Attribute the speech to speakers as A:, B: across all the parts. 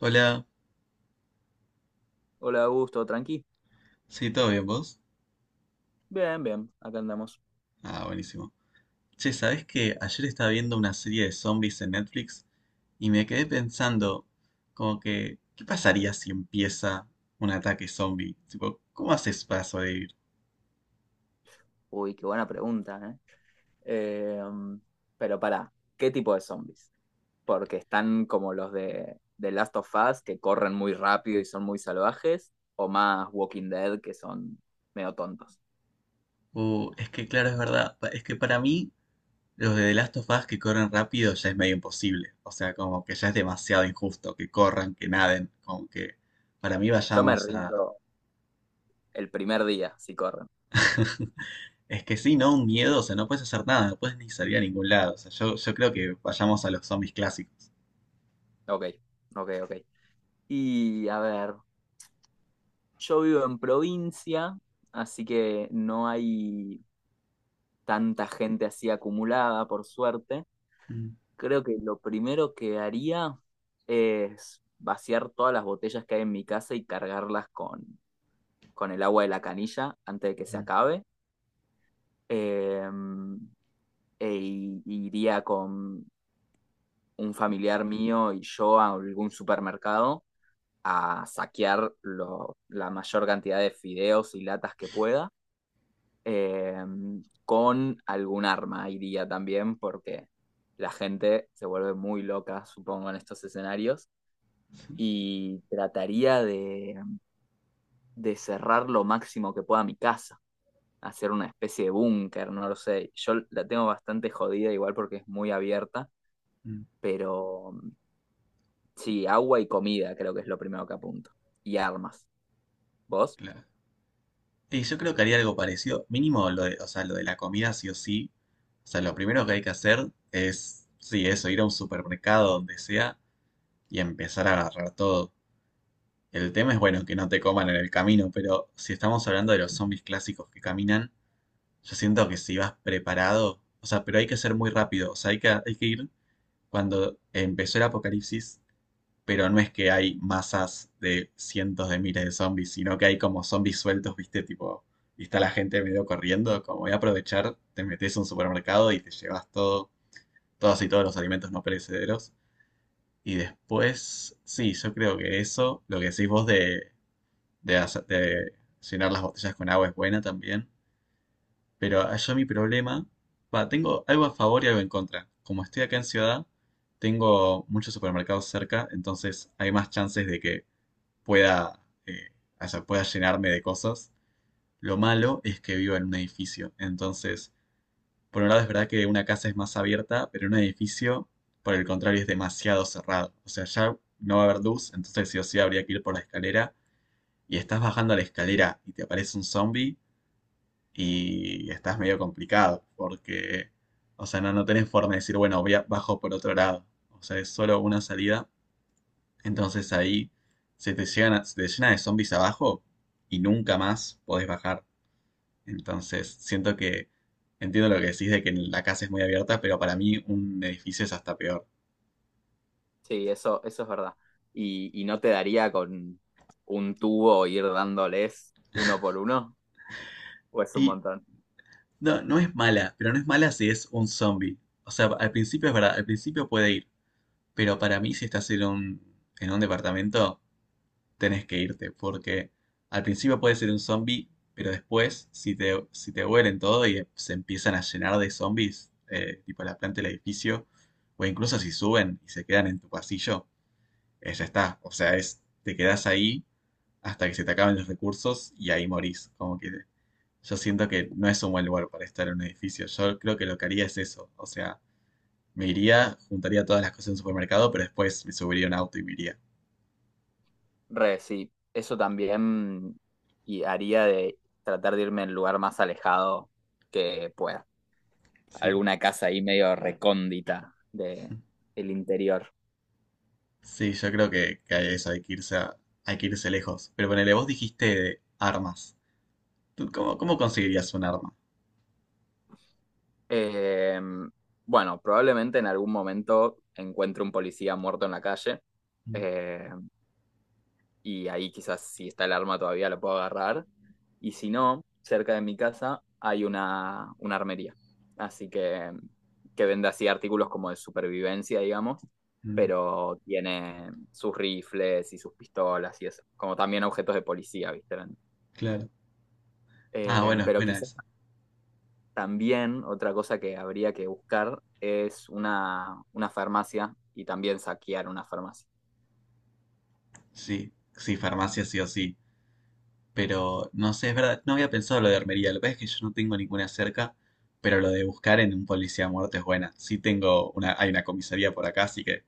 A: Hola,
B: Hola, Augusto, tranqui.
A: sí, ¿todo bien vos?
B: Bien, bien, acá andamos.
A: Ah, buenísimo. Che, ¿sabés que ayer estaba viendo una serie de zombies en Netflix y me quedé pensando, como que qué pasaría si empieza un ataque zombie? Tipo, ¿cómo haces para sobrevivir?
B: Uy, qué buena pregunta, ¿eh? Eh, pero pará, ¿qué tipo de zombies? Porque están como los de Last of Us, que corren muy rápido y son muy salvajes, o más Walking Dead, que son medio tontos.
A: Es que claro, es verdad, es que para mí los de The Last of Us que corren rápido ya es medio imposible. O sea, como que ya es demasiado injusto que corran, que naden, como que para mí
B: Yo me
A: vayamos.
B: rindo el primer día si corren.
A: Es que sí, ¿no? Un miedo, o sea, no puedes hacer nada, no puedes ni salir a ningún lado. O sea, yo creo que vayamos a los zombies clásicos.
B: Ok, ok, ok. Y a ver, yo vivo en provincia, así que no hay tanta gente así acumulada, por suerte.
A: Mm,
B: Creo que lo primero que haría es vaciar todas las botellas que hay en mi casa y cargarlas con el agua de la canilla antes de que se
A: mm,
B: acabe. Eh, Iría con un familiar mío y yo a algún supermercado a saquear la mayor cantidad de fideos y latas que pueda. Eh, con algún arma iría también porque la gente se vuelve muy loca, supongo, en estos escenarios. Y trataría de cerrar lo máximo que pueda mi casa, hacer una especie de búnker, no lo sé. Yo la tengo bastante jodida igual porque es muy abierta,
A: mm,
B: pero sí, agua y comida creo que es lo primero que apunto. Y armas. ¿Vos?
A: claro. Y yo creo que haría algo parecido, mínimo lo de, o sea, lo de la comida sí o sí. O sea, lo primero que hay que hacer es, sí, eso, ir a un supermercado donde sea y empezar a agarrar todo. El tema es, bueno, que no te coman en el camino, pero si estamos hablando de los zombies clásicos que caminan, yo siento que si vas preparado, o sea, pero hay que ser muy rápido, o sea, hay que ir cuando empezó el apocalipsis, pero no es que hay masas de cientos de miles de zombies, sino que hay como zombies sueltos, ¿viste? Tipo, y está la gente medio corriendo, como voy a aprovechar, te metes a un supermercado y te llevas todo, todos y todos los alimentos no perecederos. Y después, sí, yo creo que eso, lo que decís vos de llenar las botellas con agua es buena también. Pero allá mi problema, va, tengo algo a favor y algo en contra. Como estoy acá en ciudad, tengo muchos supermercados cerca, entonces hay más chances de que pueda, o sea, pueda llenarme de cosas. Lo malo es que vivo en un edificio, entonces, por un lado es verdad que una casa es más abierta, pero un edificio, por el contrario, es demasiado cerrado. O sea, ya no va a haber luz, entonces sí o sí habría que ir por la escalera y estás bajando la escalera y te aparece un zombie y estás medio complicado porque, o sea, no, no tenés forma de decir, bueno, bajo por otro lado. O sea, es solo una salida. Entonces ahí se te llena de zombies abajo y nunca más podés bajar. Entonces siento que entiendo lo que decís de que la casa es muy abierta, pero para mí un edificio es hasta peor.
B: Sí, eso es verdad. Y no te daría con un tubo ir dándoles uno por uno, o es un
A: Y
B: montón.
A: no, no es mala, pero no es mala si es un zombie. O sea, al principio es verdad, al principio puede ir, pero para mí si estás en un departamento tenés que irte, porque al principio puedes ser un zombie, pero después, si te huelen todo y se empiezan a llenar de zombies, tipo la planta del edificio, o incluso si suben y se quedan en tu pasillo, ya está. O sea, es, te quedás ahí hasta que se te acaben los recursos y ahí morís. Como que yo siento que no es un buen lugar para estar en un edificio. Yo creo que lo que haría es eso. O sea, me iría, juntaría todas las cosas en un supermercado, pero después me subiría a un auto y me iría.
B: Re, sí, eso también y haría de tratar de irme al lugar más alejado que pueda.
A: Sí,
B: Alguna casa ahí medio recóndita del interior.
A: sí, yo creo que a eso hay que irse lejos. Pero ponele, vos dijiste de armas. ¿Tú cómo conseguirías un arma?
B: Eh, bueno, probablemente en algún momento encuentre un policía muerto en la calle,
A: Mm,
B: eh, y ahí quizás si está el arma todavía lo puedo agarrar. Y si no, cerca de mi casa hay una armería. Así que vende así artículos como de supervivencia, digamos,
A: mm,
B: pero tiene sus rifles y sus pistolas y eso, como también objetos de policía, ¿viste?
A: claro. Ah, bueno, es
B: Pero
A: buena
B: quizás
A: esa.
B: También otra cosa que habría que buscar es una farmacia y también saquear una farmacia.
A: Sí, sí, farmacia sí o sí. Pero no sé, es verdad, no había pensado lo de armería. Lo que pasa es que yo no tengo ninguna cerca, pero lo de buscar en un policía muerto es buena. Sí tengo una, hay una comisaría por acá, así que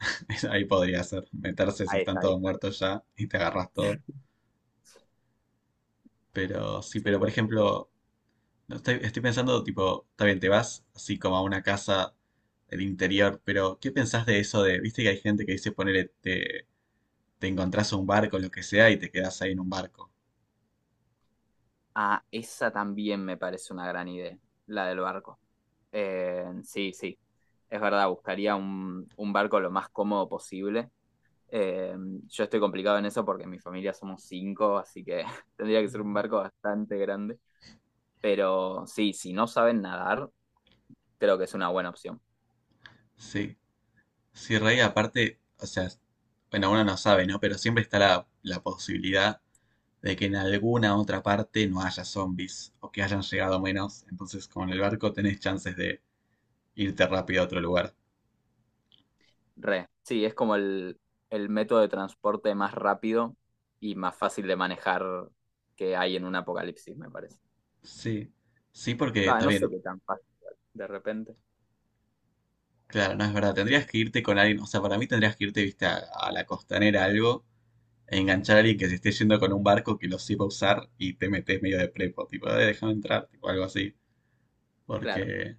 A: ahí podría ser. Meterse si
B: Ahí
A: están
B: está, ahí
A: todos
B: está.
A: muertos ya y te agarras todo. Pero sí, pero
B: Sí,
A: por
B: este,
A: ejemplo, no, estoy pensando, tipo, está bien, te vas así como a una casa del interior, pero ¿qué pensás de eso de, viste que hay gente que dice, ponele, te encontrás un barco, lo que sea, y te quedás ahí en un barco?
B: ah, esa también me parece una gran idea, la del barco. Sí, sí, es verdad, buscaría un barco lo más cómodo posible. Eh, yo estoy complicado en eso porque en mi familia somos cinco, así que tendría que ser un
A: Mm.
B: barco bastante grande. Pero sí, si no saben nadar, creo que es una buena opción.
A: Sí, sí, Rey, aparte, o sea, bueno, uno no sabe, ¿no? Pero siempre está la posibilidad de que en alguna otra parte no haya zombies o que hayan llegado menos. Entonces, como en el barco, tenés chances de irte rápido a otro lugar.
B: Re, sí, es como el método de transporte más rápido y más fácil de manejar que hay en un apocalipsis, me parece.
A: Sí, sí, porque
B: Va, no
A: también
B: sé qué tan fácil, de repente.
A: claro, no es verdad. Tendrías que irte con alguien, o sea, para mí tendrías que irte, viste, a la costanera algo, e enganchar a alguien que se esté yendo con un barco que lo sepa usar y te metes medio de prepo, tipo, déjame entrar", tipo, algo así.
B: Claro,
A: Porque,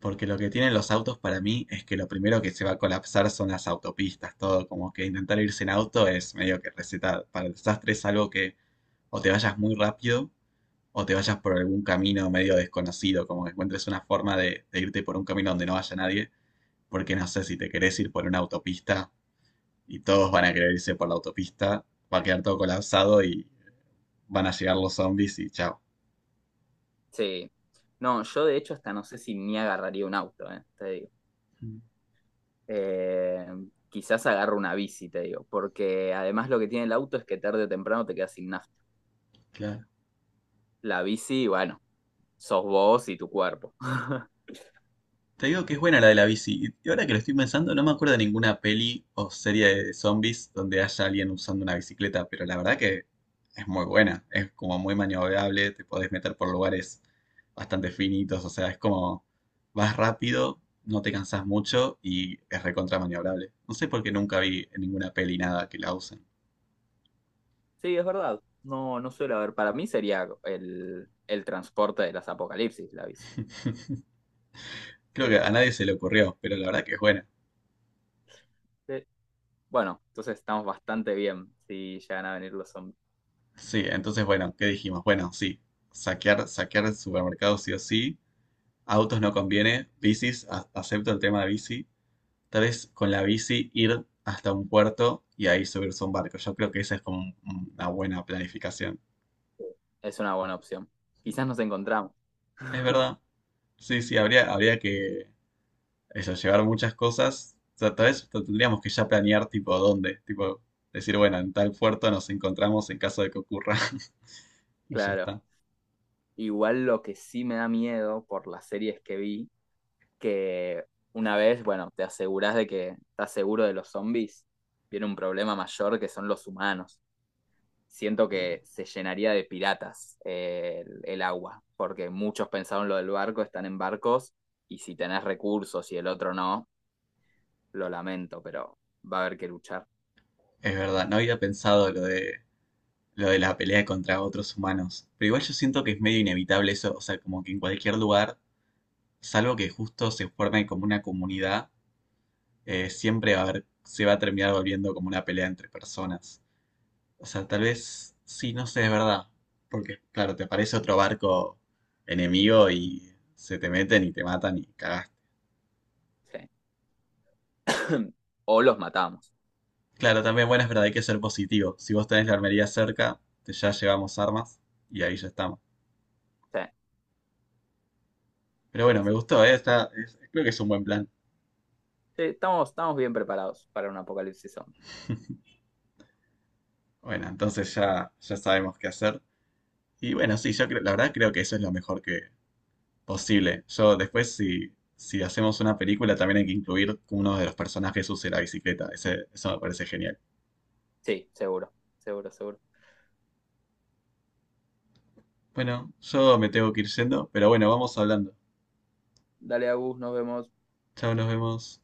A: porque lo que tienen los autos para mí es que lo primero que se va a colapsar son las autopistas, todo, como que intentar irse en auto es medio que receta para el desastre, es algo que o te vayas muy rápido o te vayas por algún camino medio desconocido, como que encuentres una forma de irte por un camino donde no vaya nadie porque no sé, si te querés ir por una autopista y todos van a querer irse por la autopista, va a quedar todo colapsado y van a llegar los zombies y chao.
B: sí. No, yo de hecho hasta no sé si ni agarraría un auto, te digo. Eh, Quizás agarro una bici, te digo, porque además lo que tiene el auto es que tarde o temprano te quedas sin nafta. La bici, bueno, sos vos y tu cuerpo.
A: Te digo que es buena la de la bici. Y ahora que lo estoy pensando, no me acuerdo de ninguna peli o serie de zombies donde haya alguien usando una bicicleta, pero la verdad que es muy buena. Es como muy maniobrable, te podés meter por lugares bastante finitos, o sea, es como vas rápido, no te cansás mucho y es recontra maniobrable. No sé por qué nunca vi en ninguna peli nada que la usen.
B: Sí, es verdad. No, no suele haber. Para mí sería el transporte de las apocalipsis, la bici.
A: Creo
B: Sí,
A: que a
B: sí,
A: nadie se le ocurrió, pero la verdad que es buena.
B: sí. Bueno, entonces estamos bastante bien si llegan a venir los zombies.
A: Sí, entonces bueno, ¿qué dijimos? Bueno, sí, saquear, saquear supermercados sí o sí. Autos no conviene, bicis, acepto el tema de bici. Tal vez con la bici ir hasta un puerto y ahí subirse a un barco. Yo creo que esa es como una buena planificación.
B: Es una buena opción. Quizás nos encontramos,
A: Es verdad. Sí, sí, habría que eso, llevar muchas cosas. O sea, tal vez tendríamos que ya planear tipo dónde. Tipo, decir, bueno, en tal puerto nos encontramos en caso de que ocurra. Y ya
B: claro.
A: está.
B: Igual lo que sí me da miedo por las series que vi, que una vez, bueno, te asegurás de que estás seguro de los zombies, viene un problema mayor que son los humanos. Siento que se llenaría de piratas, el agua, porque muchos pensaron lo del barco, están en barcos, y si tenés recursos y el otro no, lo lamento, pero va a haber que luchar.
A: Es verdad, no había pensado lo de la pelea contra otros humanos. Pero igual yo siento que es medio inevitable eso. O sea, como que en cualquier lugar, salvo que justo se forme como una comunidad, siempre va a se va a terminar volviendo como una pelea entre personas. O sea, tal vez sí, no sé, es verdad. Porque, claro, te aparece otro barco enemigo y se te meten y te matan y cagaste.
B: Sí. O los matamos.
A: Claro, también, bueno, es verdad, hay que ser positivo. Si vos tenés la armería cerca, ya llevamos armas y ahí ya estamos.
B: Sí,
A: Pero
B: sí,
A: bueno, me
B: sí.
A: gustó, ¿eh? Creo que es un buen plan.
B: Sí, estamos bien preparados para un apocalipsis zombie.
A: Bueno, entonces ya, ya sabemos qué hacer. Y bueno, sí, yo creo, la verdad creo que eso es lo mejor que posible. Yo después, si hacemos una película, también hay que incluir que uno de los personajes use la bicicleta. Eso me parece genial.
B: Sí, seguro, seguro, seguro.
A: Bueno, yo me tengo que ir yendo, pero bueno, vamos hablando.
B: Dale, Agus, nos vemos.
A: Chao, nos vemos.